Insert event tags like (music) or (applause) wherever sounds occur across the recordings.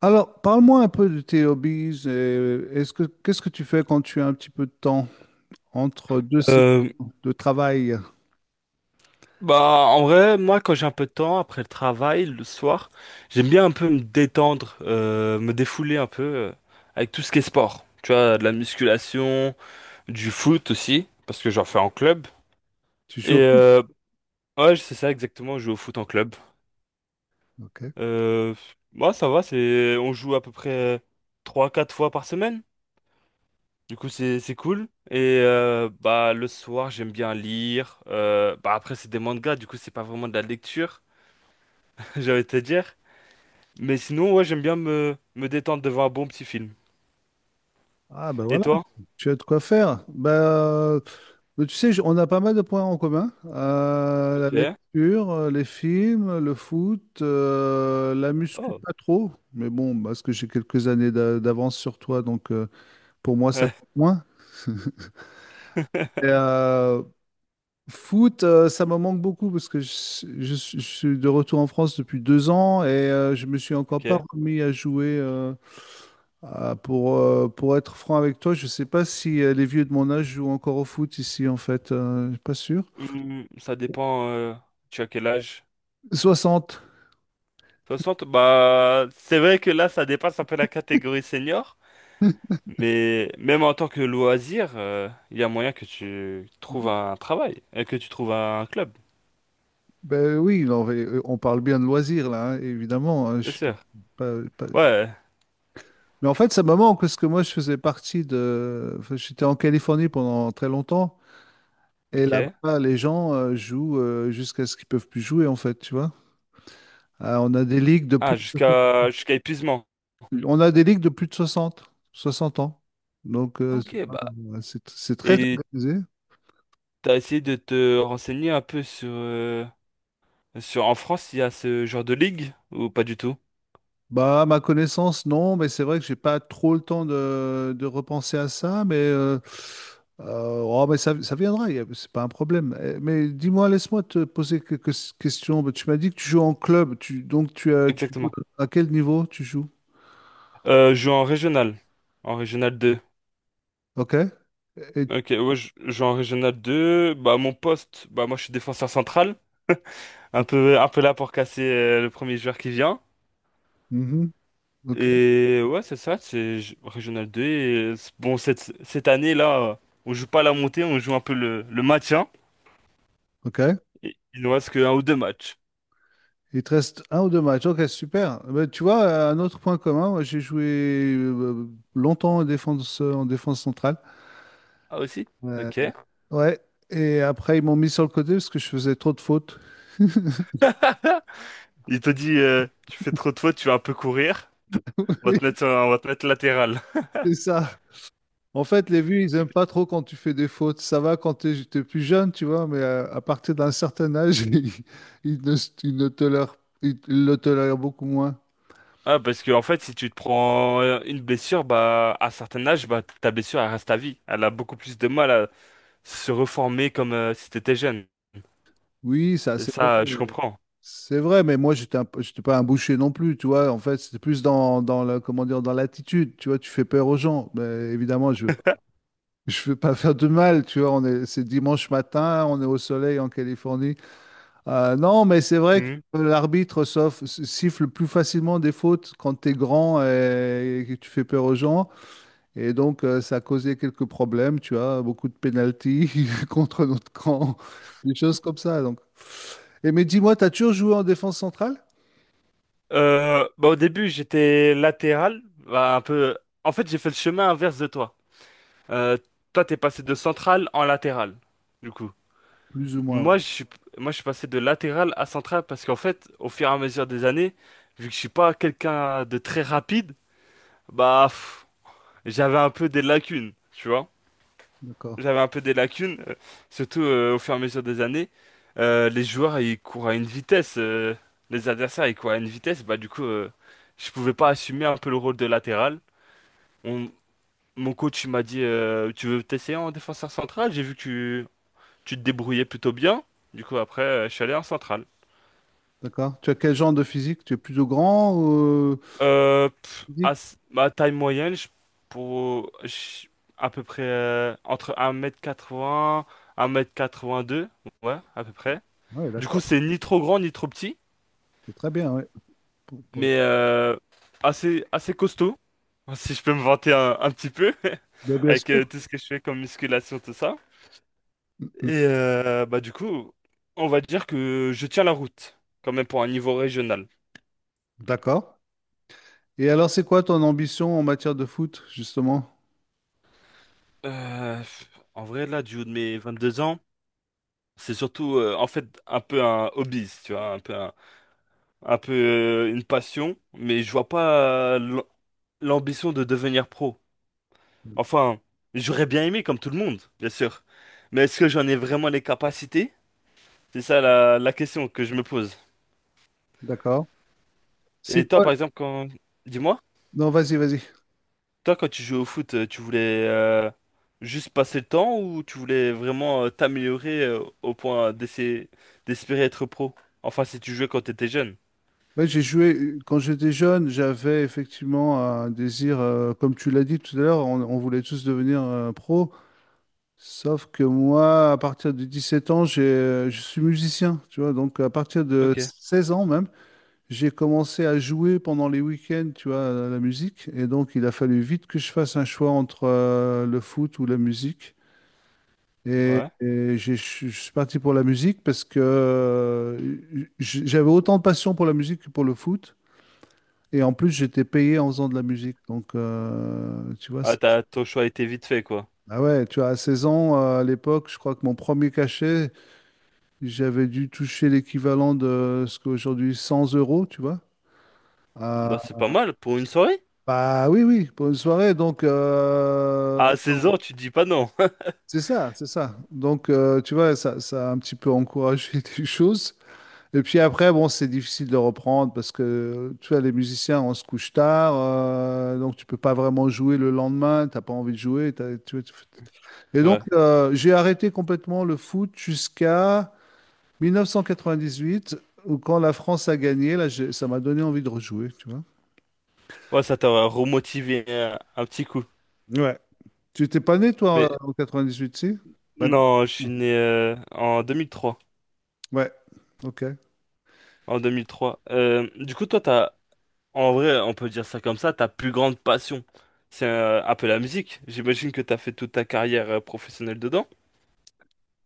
Alors, parle-moi un peu de tes hobbies. Et Est-ce que qu'est-ce que tu fais quand tu as un petit peu de temps entre deux saisons Euh, de travail? bah, en vrai, moi, quand j'ai un peu de temps après le travail, le soir, j'aime bien un peu me détendre, me défouler un peu avec tout ce qui est sport. Tu vois, de la musculation, du foot aussi, parce que j'en fais en club. Tu Et joues? Ouais, c'est ça exactement, je joue au foot en club. Ok. Euh, Moi, ça va, c'est, on joue à peu près trois quatre fois par semaine. Du coup, c'est cool. Et bah, le soir, j'aime bien lire. Bah après, c'est des mangas, du coup, c'est pas vraiment de la lecture, (laughs) j'allais te dire. Mais sinon, ouais, j'aime bien me détendre devant un bon petit film. Ah ben Et voilà, toi? tu as de quoi faire. Mais tu sais, on a pas mal de points en commun. La Ok. lecture, les films, le foot, la muscu, Oh. pas trop. Mais bon, parce que j'ai quelques années d'avance sur toi, donc pour moi, ça Ouais. compte moins. Et, (laughs) foot, ça me manque beaucoup parce que je suis de retour en France depuis 2 ans et je me suis encore Ok. pas remis à jouer. Pour être franc avec toi, je sais pas si les vieux de mon âge jouent encore au foot ici en fait. Je suis pas sûr. Hmm, ça dépend. Tu as quel âge? 60. Soixante. Bah, c'est vrai que là, ça dépasse un peu la catégorie senior. (laughs) Mais même en tant que loisir, il y a moyen que tu trouves un travail et que tu trouves un club. Ben oui, non, mais, on parle bien de loisirs là, hein, évidemment. Hein, je Bien suis sûr. pas- pas-. Ouais. Mais en fait, ça me manque parce que moi, je faisais partie de, enfin, j'étais en Californie pendant très longtemps et Ok. là-bas, les gens jouent jusqu'à ce qu'ils peuvent plus jouer en fait, tu vois. Euh, on a des ligues de plus Ah, de, jusqu'à épuisement. on a des ligues de plus de 60, 60 ans. Donc, Ok, bah. C'est très Et organisé. t'as essayé de te renseigner un peu sur en France, il y a ce genre de ligue ou pas du tout? Bah, à ma connaissance, non, mais c'est vrai que j'ai pas trop le temps de repenser à ça, mais, oh, mais ça viendra, c'est pas un problème. Eh, mais dis-moi, laisse-moi te poser quelques questions. Bah, tu m'as dit que tu joues en club, donc tu joues Exactement. à quel niveau tu joues? Je joue en régional. En régional 2. Ok? Et- Ok, ouais, je joue en régional 2. Bah, mon poste, bah, moi, je suis défenseur central. Un peu là pour casser le premier joueur qui vient. mhm. Ok. Et ouais, c'est ça, régional 2. Et, bon, cette année-là, on joue pas la montée, on joue un peu le maintien. Ok. Et il nous reste qu'un ou deux matchs. Il te reste un ou deux matchs. Ok, super. Bah, tu vois, un autre point commun, moi, j'ai joué euh, longtemps en défense centrale. Ah, aussi? Ouais. Ok. Ouais. Et après, ils m'ont mis sur le côté parce que je faisais trop de fautes. Il te dit, tu fais trop de fautes, tu vas un peu courir. (laughs) On va te mettre latéral. C'est ça. En fait, les vieux, ils aiment pas trop quand tu fais des fautes. Ça va quand t'es plus jeune, tu vois, mais partir d'un certain âge, (laughs) ils, ils ne, ils ne tolèrent, ils le tolèrent beaucoup moins. Ah, parce que, en fait, si tu te prends une blessure, bah, à un certain âge, bah, ta blessure, elle reste à vie. Elle a beaucoup plus de mal à se reformer comme si t'étais jeune. Oui, ça, Et c'est ça, je comprends. C'est vrai, mais moi, j'étais pas un boucher non plus, tu vois. En fait, c'était plus comment dire, dans l'attitude, tu vois. Tu fais peur aux gens. Mais évidemment, je veux, pas- (laughs) je veux pas faire de mal, tu vois. C'est dimanche matin, on est au soleil en Californie. Non, mais c'est vrai que Mhm. l'arbitre siffle plus facilement des fautes quand tu es grand et que tu fais peur aux gens. Et donc, ça a causé quelques problèmes, tu vois. Beaucoup de pénalties (laughs) contre notre camp, des choses comme ça. Donc. Et mais dis-moi, t'as toujours joué en défense centrale? Bah, au début, j'étais latéral, bah, un peu. En fait, j'ai fait le chemin inverse de toi. Euh, Toi, t'es passé de central en latéral, du coup. Plus ou moins, ouais. Moi, je suis, Moi, je suis passé de latéral à central parce qu'en fait, au fur et à mesure des années, vu que je suis pas quelqu'un de très rapide, bah, pff, j'avais un peu des lacunes, tu vois. D'accord, J'avais un peu des lacunes, surtout au fur et à mesure des années. Les joueurs, ils courent à une vitesse. Les adversaires, ils courent à une vitesse. Bah, du coup, je pouvais pas assumer un peu le rôle de latéral. On- Mon coach, il m'a dit, tu veux t'essayer en défenseur central? J'ai vu que tu te débrouillais plutôt bien. Du coup, après, je suis allé en central. d'accord. Tu as quel genre de physique? Tu es plutôt grand ou physique? Ma taille moyenne, pour, je- à peu près entre 1m80, 1m82, ouais, à peu près. Oui, Du coup, d'accord. c'est ni trop grand ni trop petit, C'est très bien, oui. Pour, pour- mais assez, assez costaud, (laughs) si je peux me vanter un petit peu, Ben, (laughs) bien avec sûr. tout ce que je fais comme musculation, tout ça. Mm, mm. Et bah, du coup, on va dire que je tiens la route, quand même pour un niveau régional. D'accord. Et alors, c'est quoi ton ambition en matière de foot, justement? Euh, pff, En vrai, là, du haut de mes 22 ans, c'est surtout, en fait, un peu un hobby, tu vois, un peu, un peu, une passion, mais je vois pas l'ambition de devenir pro. Enfin, j'aurais bien aimé, comme tout le monde, bien sûr. Mais est-ce que j'en ai vraiment les capacités? C'est ça la question que je me pose. D'accord. C'est Et toi, quoi? par exemple, quand... Dis-moi, Non, vas-y, vas-y. toi, quand tu jouais au foot, tu voulais juste passer le temps, ou tu voulais vraiment t'améliorer au point d'essayer d'espérer être pro? Enfin, si tu jouais quand t'étais jeune. Ouais, quand j'étais jeune, j'avais effectivement un désir, comme tu l'as dit tout à l'heure, on voulait tous devenir pro. Sauf que moi, à partir de 17 ans, je suis musicien, tu vois. Donc, à partir de Ok. 16 ans même, j'ai commencé à jouer pendant les week-ends, tu vois, à la musique. Et donc, il a fallu vite que je fasse un choix entre le foot ou la musique. Et, Ouais. et j'ai- je je suis parti pour la musique parce que j'avais autant de passion pour la musique que pour le foot. Et en plus, j'étais payé en faisant de la musique. Donc, tu vois, Ah, t'as, ton choix a été vite fait, quoi. ah ouais, tu vois, à 16 ans, à l'époque, je crois que mon premier cachet, j'avais dû toucher l'équivalent de ce qu'aujourd'hui 100 euros, tu vois. Bah, c'est pas mal pour une soirée. Bah oui, oui, pour une soirée, donc À seize on- ans, tu te dis pas non. (laughs) c'est ça, c'est ça. Donc tu vois, ça a un petit peu encouragé (laughs) les choses. Et puis après, bon, c'est difficile de reprendre parce que tu vois, les musiciens, on se couche tard, donc tu peux pas vraiment jouer le lendemain, t'as pas envie de jouer. Et donc Ouais. J'ai arrêté complètement le foot jusqu'à 1998, où quand la France a gagné, là, ça m'a donné envie de rejouer, tu vois. Ouais, ça t'aurait remotivé un petit coup. Ouais. Tu t'es pas né, Mais toi, en 98, si? Bah non. non, je suis Non. né en 2003. Ouais, ok. En 2003. Du coup, toi, t'as, en vrai, on peut dire ça comme ça, ta plus grande passion, c'est un peu la musique. J'imagine que t'as fait toute ta carrière professionnelle dedans.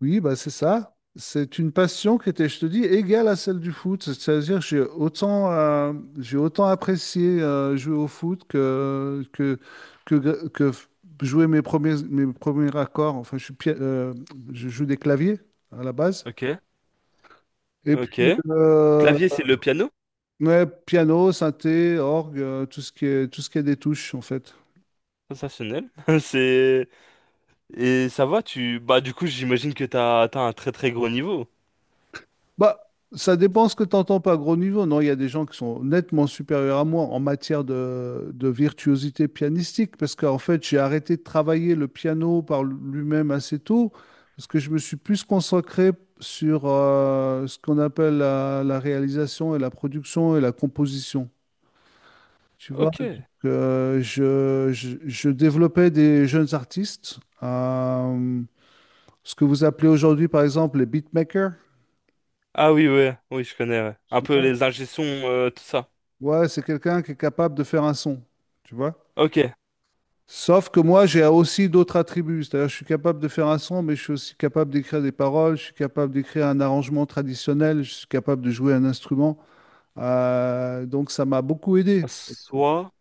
Oui, bah c'est ça. C'est une passion qui était, je te dis, égale à celle du foot. C'est-à-dire, que j'ai autant apprécié jouer au foot que, que f- jouer mes premiers accords. Enfin, je joue des claviers à la base. Ok. Et Ok. puis, Clavier, c'est le piano. ouais, piano, synthé, orgue, tout ce qui est des touches, en fait. Sensationnel. (laughs) C'est. Et ça va, tu... Bah, du coup, j'imagine que t'as atteint un très très gros niveau. Bah, ça dépend ce que tu entends par gros niveau. Non, il y a des gens qui sont nettement supérieurs à moi en matière de virtuosité pianistique, parce qu'en fait, j'ai arrêté de travailler le piano par lui-même assez tôt, parce que je me suis plus consacré sur ce qu'on appelle la réalisation et la production et la composition. Tu vois, donc, Ok. Je développais des jeunes artistes, ce que vous appelez aujourd'hui, par exemple, les beatmakers. Ah oui, ouais, oui, je connais, ouais. Un peu les ingé-sons, tout ça. Ouais, c'est quelqu'un qui est capable de faire un son, tu vois. Ok. Sauf que moi, j'ai aussi d'autres attributs. C'est-à-dire, je suis capable de faire un son, mais je suis aussi capable d'écrire des paroles, je suis capable d'écrire un arrangement traditionnel, je suis capable de jouer un instrument. Donc, ça m'a beaucoup aidé. Soit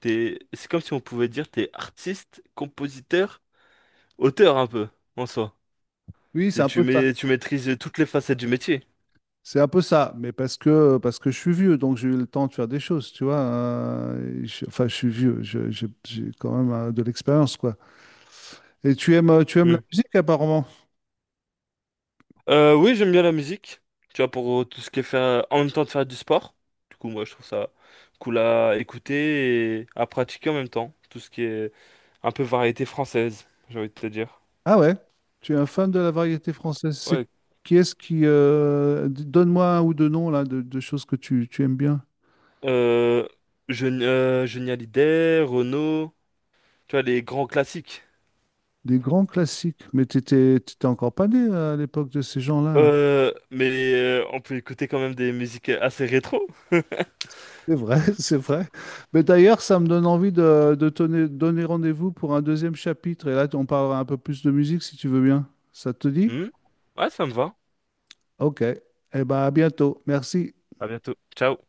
t'es... C'est comme si on pouvait dire t'es artiste, compositeur, auteur un peu, en soi. Oui, c'est un peu ça. Tu maîtrises toutes les facettes du métier. C'est un peu ça, mais parce que je suis vieux, donc j'ai eu le temps de faire des choses, tu vois. Enfin, je suis vieux, j'ai quand même de l'expérience, quoi. Et tu aimes la Hmm. musique apparemment. Oui, j'aime bien la musique. Tu vois, pour tout ce qui est faire... En même temps de faire du sport. Du coup, moi, je trouve ça cool à écouter et à pratiquer en même temps. Tout ce qui est un peu variété française, j'ai envie de te dire. Ah ouais, tu es un fan de la variété française. C'est Ouais. qui est-ce qui d- Donne-moi un ou deux noms là de choses que tu aimes bien. Euh, Jeune, Johnny Hallyday, Renaud, tu vois, les grands classiques. Des grands classiques. Mais t'étais encore pas né à l'époque de ces gens-là. Mais on peut écouter quand même des musiques assez rétro. C'est vrai, (laughs) c'est vrai. Mais d'ailleurs, ça me donne envie de donner rendez-vous pour un deuxième chapitre. Et là, on parlera un peu plus de musique si tu veux bien. Ça te dit? Hmm. Ouais, ça me va. Ok. Eh bien, à bientôt. Merci. À bientôt. Ciao.